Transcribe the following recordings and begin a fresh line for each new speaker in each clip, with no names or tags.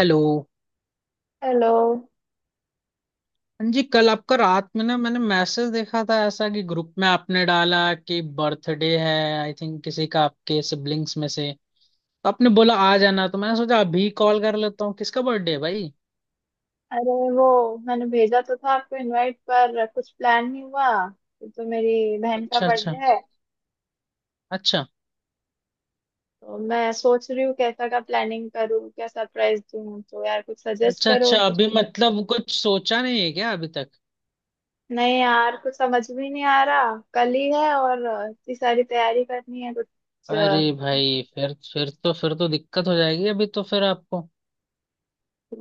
Hello.
Hello.
हाँ जी, कल आपका रात में ना मैंने मैसेज देखा था, ऐसा कि ग्रुप में आपने डाला कि बर्थडे है। आई थिंक किसी का आपके सिबलिंग्स में से। तो आपने बोला आ जाना तो मैंने सोचा अभी कॉल कर लेता हूँ किसका बर्थडे है भाई।
अरे वो मैंने भेजा तो था आपको, इनवाइट पर कुछ प्लान नहीं हुआ। ये तो मेरी बहन का
अच्छा अच्छा।
बर्थडे है।
अच्छा
तो मैं सोच रही हूँ कैसा का प्लानिंग करूँ, क्या सरप्राइज दूँ, तो यार कुछ सजेस्ट
अच्छा,
करो।
अच्छा अभी मतलब कुछ सोचा नहीं है क्या अभी तक?
नहीं यार, कुछ समझ भी नहीं आ रहा, कल ही है और इतनी सारी तैयारी करनी है कुछ
अरे भाई, फिर तो दिक्कत हो जाएगी अभी तो, फिर आपको।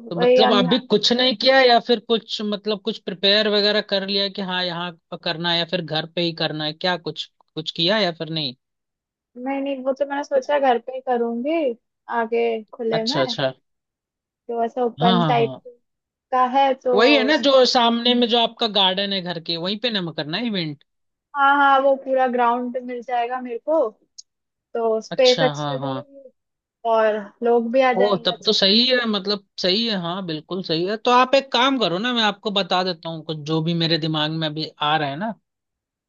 तो
वही
मतलब
हम।
अभी कुछ नहीं किया या फिर कुछ मतलब कुछ प्रिपेयर वगैरह कर लिया कि हाँ यहाँ करना है या फिर घर पे ही करना है, क्या कुछ कुछ किया या फिर नहीं?
नहीं नहीं, वो तो मैंने सोचा घर पे ही करूँगी, आगे खुले
अच्छा
में,
अच्छा।
तो ऐसा
हाँ
ओपन
हाँ
टाइप
हाँ।
का है तो।
वही है ना, जो सामने में जो आपका गार्डन है घर के, वहीं पे ना करना है इवेंट?
हाँ हाँ, वो पूरा ग्राउंड मिल जाएगा मेरे को, तो स्पेस
अच्छा,
अच्छी
हाँ
हो
हाँ।
जाएगी और लोग भी आ
ओ
जाएंगे
तब तो
अच्छे।
सही है, मतलब सही है, हाँ बिल्कुल सही है। तो आप एक काम करो ना, मैं आपको बता देता हूँ कुछ जो भी मेरे दिमाग में अभी आ रहा है ना,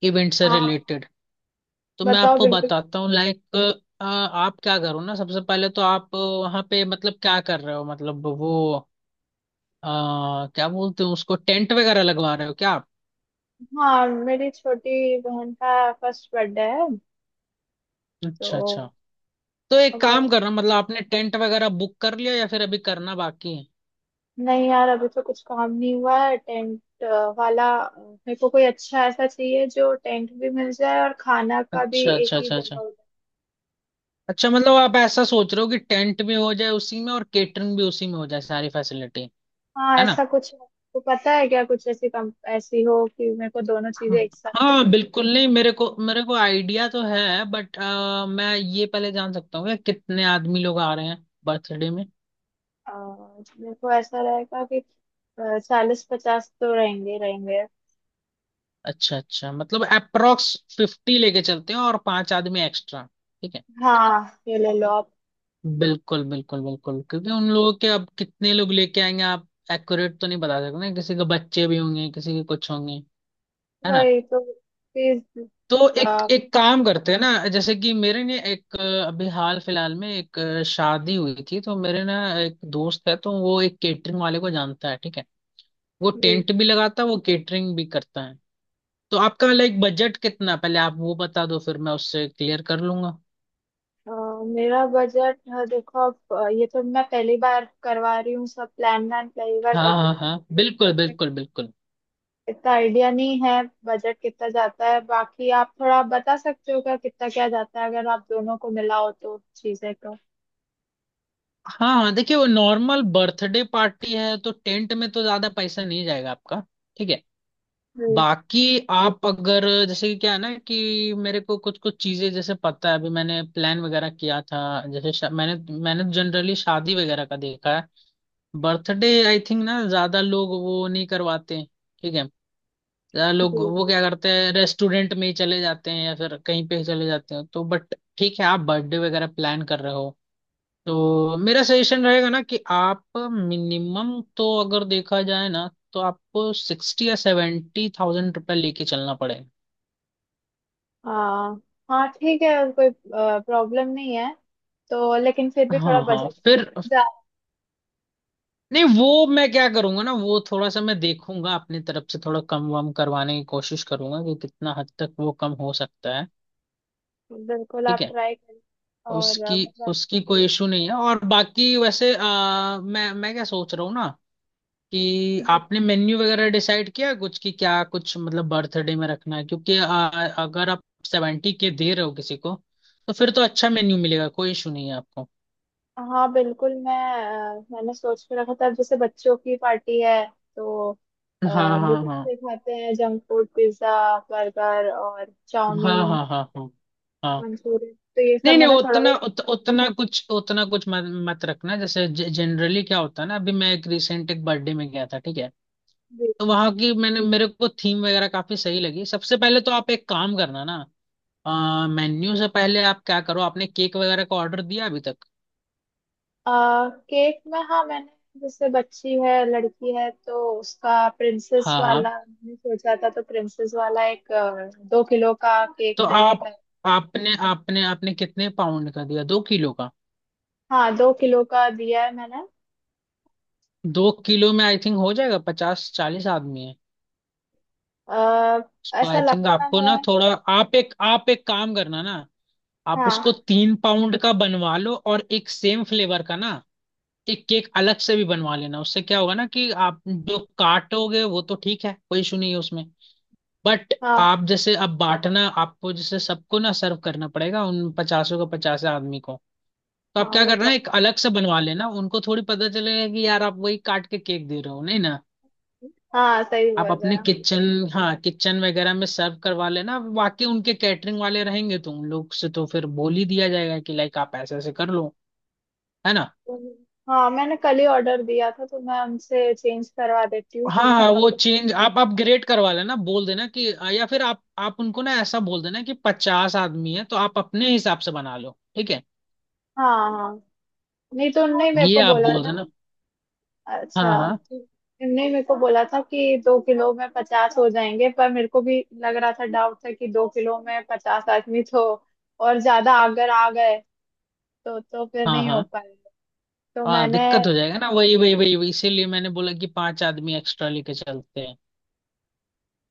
इवेंट से
हाँ,
रिलेटेड। तो मैं
बताओ
आपको
बिल्कुल।
बताता हूँ लाइक, आप क्या करो ना, सबसे पहले तो आप वहाँ पे मतलब क्या कर रहे हो मतलब वो अ, क्या बोलते हो उसको, टेंट वगैरह लगवा रहे हो क्या आप?
हाँ, मेरी छोटी बहन का फर्स्ट बर्थडे है
अच्छा अच्छा।
तो
तो एक
हमने,
काम करना, मतलब आपने टेंट वगैरह बुक कर लिया या फिर अभी करना बाकी है?
नहीं यार अभी तो कुछ काम नहीं हुआ है टेंट वाला। मेरे को कोई अच्छा ऐसा चाहिए जो टेंट भी मिल जाए और खाना का भी
अच्छा
एक
अच्छा,
ही
अच्छा
जगह
अच्छा,
हो जाए।
अच्छा मतलब आप ऐसा सोच रहे हो कि टेंट भी हो जाए उसी में और केटरिंग भी उसी में हो जाए सारी फैसिलिटी,
हाँ,
है ना?
ऐसा कुछ आपको पता है क्या, कुछ ऐसी कम ऐसी हो कि मेरे को दोनों
हाँ।
चीजें एक साथ।
हाँ, बिल्कुल। नहीं मेरे को आइडिया तो है बट मैं ये पहले जान सकता हूँ कि कितने आदमी लोग आ रहे हैं बर्थडे में?
अ, मेरे को ऐसा रहेगा कि 40-50 तो रहेंगे रहेंगे।
अच्छा अच्छा, मतलब अप्रोक्स 50 लेके चलते हैं और पांच आदमी एक्स्ट्रा, ठीक है।
हाँ ये ले लो आप।
बिल्कुल बिल्कुल बिल्कुल, क्योंकि उन लोगों के अब कितने लोग लेके आएंगे आप एक्यूरेट तो नहीं बता सकते ना, किसी के बच्चे भी होंगे, किसी के कुछ होंगे, है ना।
वही तो, प्लीज।
तो एक
आ,
एक काम करते हैं ना, जैसे कि मेरे ने एक अभी हाल फिलहाल में एक शादी हुई थी, तो मेरे ना एक दोस्त है, तो वो एक केटरिंग वाले को जानता है, ठीक है। वो
please,
टेंट भी लगाता है, वो केटरिंग भी करता है। तो आपका लाइक बजट कितना है? पहले आप वो बता दो फिर मैं उससे क्लियर कर लूंगा।
आ, मेरा बजट, देखो आप, ये तो मैं पहली बार करवा रही हूँ, सब प्लान व्लान पहली बार
हाँ
कर रही
हाँ
हूँ,
हाँ, बिल्कुल बिल्कुल बिल्कुल।
इतना आइडिया नहीं है। बजट कितना जाता है, बाकी आप थोड़ा बता सकते हो क्या कितना क्या जाता है अगर आप दोनों को मिलाओ तो, चीजें तो।
हाँ हाँ, देखिए वो नॉर्मल बर्थडे पार्टी है तो टेंट में तो ज्यादा पैसा नहीं जाएगा आपका, ठीक है।
जी
बाकी आप अगर जैसे कि क्या है ना कि मेरे को कुछ कुछ चीजें जैसे पता है, अभी मैंने प्लान वगैरह किया था जैसे मैंने, मैंने जनरली शादी वगैरह का देखा है। बर्थडे आई थिंक ना ज्यादा लोग वो नहीं करवाते, ठीक है। ज्यादा
जी।
लोग वो
जी।
क्या करते हैं रेस्टोरेंट में ही चले जाते हैं या फिर कहीं पे ही चले जाते हैं, तो बट ठीक है आप बर्थडे वगैरह प्लान कर रहे हो तो मेरा सजेशन रहेगा ना कि आप मिनिमम तो अगर देखा जाए ना तो आपको 60 या 70 थाउजेंड रुपये लेके चलना पड़े।
हाँ हाँ ठीक है, कोई प्रॉब्लम नहीं है, तो लेकिन फिर भी थोड़ा
हाँ हाँ
बजट
फिर,
जा।
नहीं वो मैं क्या करूंगा ना, वो थोड़ा सा मैं देखूंगा अपनी तरफ से, थोड़ा कम वम करवाने की कोशिश करूंगा कि कितना हद तक वो कम हो सकता है,
बिल्कुल
ठीक
आप
है।
ट्राई करें। और
उसकी,
मतलब।
उसकी कोई इशू नहीं है। और बाकी वैसे मैं क्या सोच रहा हूँ ना कि
जी।
आपने मेन्यू वगैरह डिसाइड किया कुछ कि क्या कुछ मतलब बर्थडे में रखना है, क्योंकि अगर आप 70 के दे रहे हो किसी को तो फिर तो अच्छा मेन्यू मिलेगा, कोई इशू नहीं है आपको।
हाँ बिल्कुल मैं, मैंने सोच के रखा था, अब जैसे बच्चों की पार्टी है तो
हाँ
जो
हाँ हाँ
बच्चे खाते हैं जंक फूड, पिज्जा, बर्गर और
हाँ,
चाउमीन,
हाँ हाँ हाँ हाँ।
मंचूरियन, तो ये सब
नहीं नहीं,
मैंने थोड़ा बहुत।
उतना कुछ मत रखना। जैसे जनरली क्या होता है ना, अभी मैं एक रिसेंट एक बर्थडे में गया था ठीक है, तो वहां की मैंने मेरे को थीम वगैरह काफी सही लगी। सबसे पहले तो आप एक काम करना ना, मेन्यू से पहले आप क्या करो, आपने केक वगैरह का ऑर्डर दिया अभी तक?
केक में हाँ, मैंने जैसे बच्ची है, लड़की है, तो उसका प्रिंसेस
हाँ
वाला
हाँ,
मैंने सोचा था, तो प्रिंसेस वाला एक 2 किलो का केक
तो
मैंने
आप,
कर,
आपने आपने आपने कितने पाउंड का दिया, 2 किलो का?
हाँ 2 किलो का दिया है मैंने।
दो किलो में आई थिंक हो जाएगा, 50 40 आदमी है,
आ,
सो
ऐसा
आई थिंक
लगता
आपको
है।
ना थोड़ा, आप एक काम करना ना, आप उसको
हाँ
3 पाउंड का बनवा लो और एक सेम फ्लेवर का ना एक केक अलग से भी बनवा लेना। उससे क्या होगा ना कि आप जो काटोगे वो तो ठीक है कोई इशू नहीं है उसमें, बट
हाँ
आप जैसे अब बांटना आपको, जैसे सबको ना सर्व करना पड़ेगा उन पचासों का, 50 आदमी को, तो आप
हाँ,
क्या
वो
करना
तो,
एक अलग से बनवा लेना, उनको थोड़ी पता चलेगा कि यार आप वही काट के केक दे रहे हो नहीं ना।
हाँ सही बोल
आप
रहे
अपने
हैं आप।
किचन, हाँ किचन वगैरह में सर्व करवा लेना, बाकी उनके कैटरिंग वाले रहेंगे तो उन लोग से तो फिर बोल ही दिया जाएगा कि लाइक आप ऐसे ऐसे कर लो, है ना।
हाँ, मैंने कल ही ऑर्डर दिया था, तो मैं उनसे चेंज करवा देती हूँ
हाँ
तीन
हाँ,
किलो
वो
का।
चेंज आप अपग्रेड करवा लेना, बोल देना कि, या फिर आप उनको ना ऐसा बोल देना कि 50 आदमी है तो आप अपने हिसाब से बना लो, ठीक है।
हाँ हाँ, नहीं तो उनने ही मेरे
ये
को
आप
बोला
बोल
था।
देना। हाँ
अच्छा।
हाँ
नहीं, मेरे को बोला था कि 2 किलो में 50 हो जाएंगे, पर मेरे को भी लग रहा था, डाउट था कि 2 किलो में पचास आदमी तो, और ज्यादा अगर आ गए तो फिर
हाँ
नहीं हो
हाँ।
पाएगा। तो
हाँ
मैंने,
दिक्कत हो जाएगा ना, वही वही वही वही इसीलिए मैंने बोला कि पांच आदमी एक्स्ट्रा लेके चलते हैं।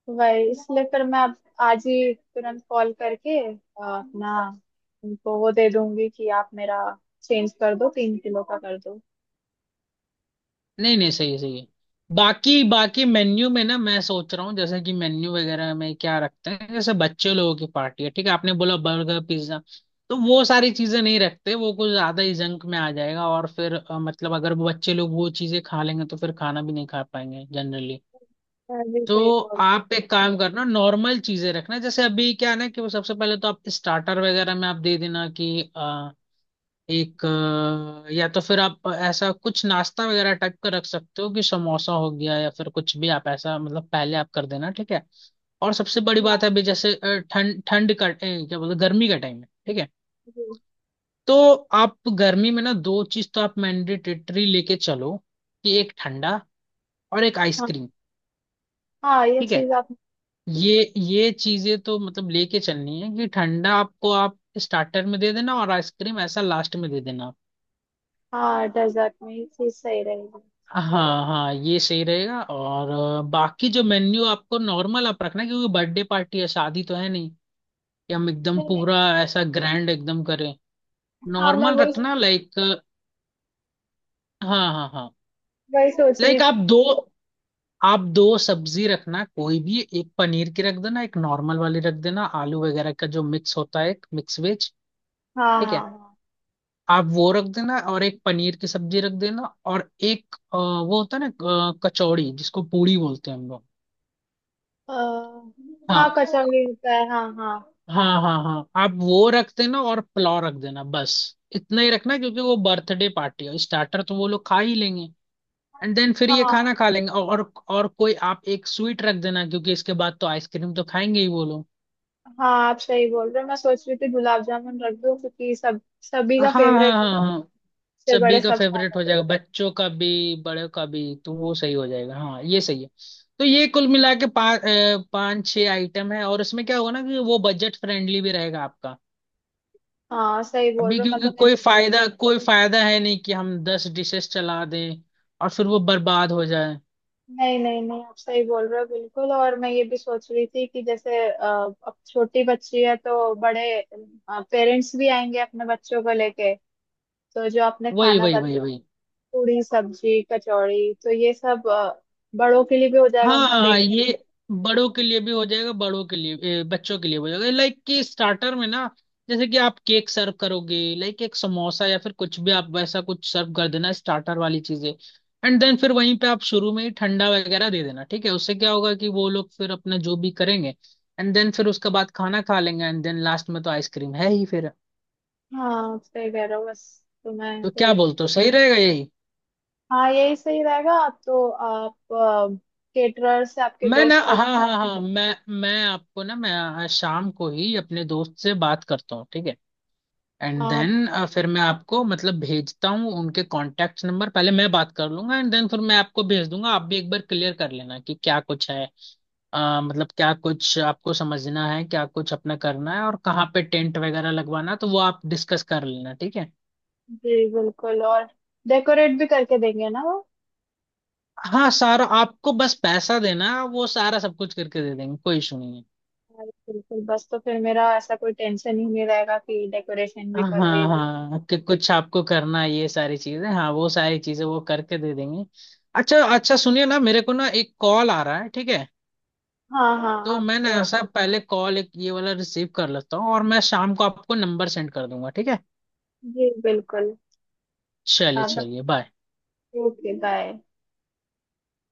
वही इसलिए फिर मैं अब आज ही तुरंत कॉल करके अपना उनको वो दे दूंगी कि आप मेरा चेंज कर दो, 3 किलो का कर दो।
नहीं नहीं, सही है सही है। बाकी बाकी मेन्यू में ना मैं सोच रहा हूँ, जैसे कि मेन्यू वगैरह में क्या रखते हैं, जैसे बच्चे लोगों की पार्टी है ठीक है, आपने बोला बर्गर पिज्जा, तो वो सारी चीजें नहीं रखते, वो कुछ ज्यादा ही जंक में आ जाएगा और फिर मतलब अगर वो बच्चे लोग वो चीजें खा लेंगे तो फिर खाना भी नहीं खा पाएंगे जनरली।
मैं भी
तो
सही बोल।
आप एक काम करना नॉर्मल चीजें रखना, जैसे अभी क्या है ना कि वो सबसे पहले तो आप स्टार्टर वगैरह में आप दे देना कि, एक या तो फिर आप ऐसा कुछ नाश्ता वगैरह टाइप का रख सकते हो कि समोसा हो गया, या फिर कुछ भी आप ऐसा मतलब पहले आप कर देना, ठीक है। और सबसे बड़ी बात है,
हाँ
अभी जैसे ठंड ठंड का क्या बोलते हैं, गर्मी का टाइम है, ठीक है।
जी।
तो आप गर्मी में ना दो चीज तो आप मैंडेटरी लेके चलो, कि एक ठंडा और एक
हाँ
आइसक्रीम,
हाँ, ये
ठीक है।
चीज आप।
ये चीजें तो मतलब लेके चलनी है, कि ठंडा आपको आप स्टार्टर में दे देना और आइसक्रीम ऐसा लास्ट में दे देना।
हाँ, डेजर्ट में ये चीज सही रहेगी।
हाँ हाँ, ये सही रहेगा और बाकी जो मेन्यू आपको नॉर्मल आप रखना क्योंकि बर्थडे पार्टी है, शादी तो है नहीं कि हम एकदम
नहीं नहीं।
पूरा ऐसा ग्रैंड एकदम करें,
हाँ मैं
नॉर्मल
वही
रखना लाइक। हाँ हाँ हाँ,
वही सोच रही
लाइक आप
थी।
दो आप दो सब्जी रखना, कोई भी एक पनीर की रख देना, एक नॉर्मल वाली रख देना आलू वगैरह का जो मिक्स होता है, एक मिक्स वेज,
हाँ
ठीक है।
हाँ
आप वो रख देना और एक पनीर की सब्जी रख देना और एक वो होता है ना कचौड़ी जिसको पूड़ी बोलते हैं हम लोग।
हाँ। हाँ,
हाँ
कचौड़ी होता है, हाँ हाँ।
हाँ हाँ हाँ, आप वो रख देना और पुलाव रख देना बस। इतना ही रखना क्योंकि वो बर्थडे पार्टी है, स्टार्टर तो वो लोग खा ही लेंगे, एंड देन फिर ये
हाँ
खाना खा लेंगे और कोई आप एक स्वीट रख देना क्योंकि इसके बाद तो आइसक्रीम तो खाएंगे ही वो लोग।
हाँ, आप सही बोल रहे हो, मैं सोच रही थी गुलाब जामुन रख दूं क्योंकि सब सभी
हाँ
का
हाँ
फेवरेट है,
हाँ हाँ,
से
सभी
बड़े
का
सब खा
फेवरेट
रहे
हो
हैं।
जाएगा, बच्चों का भी बड़ों का भी, तो वो सही हो जाएगा, हाँ ये सही है। तो ये कुल मिला के पाँच पाँच छः आइटम है, और इसमें क्या होगा ना कि वो बजट फ्रेंडली भी रहेगा आपका।
हाँ सही बोल
अभी
रहे हो,
क्योंकि
मतलब मेरा।
कोई फायदा, कोई फायदा है नहीं कि हम 10 डिशेस चला दें और फिर वो बर्बाद हो जाए।
नहीं नहीं नहीं, आप सही बोल रहे हो बिल्कुल, और मैं ये भी सोच रही थी कि जैसे अब छोटी बच्ची है, तो बड़े पेरेंट्स भी आएंगे अपने बच्चों को लेके, तो जो आपने
वही
खाना
वही
बताया,
वही वही।
पूरी सब्जी कचौड़ी तो ये सब बड़ों के लिए भी हो जाएगा,
हाँ
उनका
हाँ,
पेट भर।
ये बड़ों के लिए भी हो जाएगा बड़ों के लिए, बच्चों के लिए भी हो जाएगा। लाइक कि स्टार्टर में ना जैसे कि आप केक सर्व करोगे, लाइक एक समोसा या फिर कुछ भी आप वैसा कुछ सर्व कर देना, स्टार्टर वाली चीजें, एंड देन फिर वहीं पे आप शुरू में ही ठंडा वगैरह दे देना ठीक है, उससे क्या होगा कि वो लोग फिर अपना जो भी करेंगे, एंड देन फिर उसके बाद खाना खा लेंगे, एंड देन लास्ट में तो आइसक्रीम है ही फिर।
हाँ सही कह रहे हो बस। तो मैं
तो क्या
फिर,
बोलते हो, सही रहेगा यही?
हाँ यही सही रहेगा तो आप केटरर से आपके
मैं ना
दोस्त
हाँ
कर,
हाँ हाँ, मैं आपको ना, मैं शाम को ही अपने दोस्त से बात करता हूँ, ठीक है, एंड
आप,
देन फिर मैं आपको मतलब भेजता हूँ उनके कॉन्टैक्ट नंबर। पहले मैं बात कर लूंगा एंड देन फिर मैं आपको भेज दूंगा, आप भी एक बार क्लियर कर लेना कि क्या कुछ है, मतलब क्या कुछ आपको समझना है, क्या कुछ अपना करना है और कहाँ पे टेंट वगैरह लगवाना है, तो वो आप डिस्कस कर लेना, ठीक है।
जी बिल्कुल। और डेकोरेट भी करके देंगे ना वो।
हाँ, सारा आपको बस पैसा देना है, वो सारा सब कुछ करके दे देंगे, कोई इशू नहीं है।
हाँ, बिल्कुल, बस तो फिर मेरा ऐसा कोई टेंशन ही नहीं रहेगा कि डेकोरेशन भी
हाँ
करो, ये
हाँ
भी।
हाँ, कि कुछ आपको करना है ये सारी चीजें, हाँ वो सारी चीजें वो करके दे देंगे। अच्छा अच्छा, सुनिए ना मेरे को ना एक कॉल आ रहा है ठीक है,
हाँ हाँ
तो
आप।
मैं ना ऐसा पहले कॉल एक ये वाला रिसीव कर लेता हूँ और मैं शाम को आपको नंबर सेंड कर दूंगा, ठीक है।
जी बिल्कुल।
चलिए
आप।
चलिए, बाय।
Okay, bye.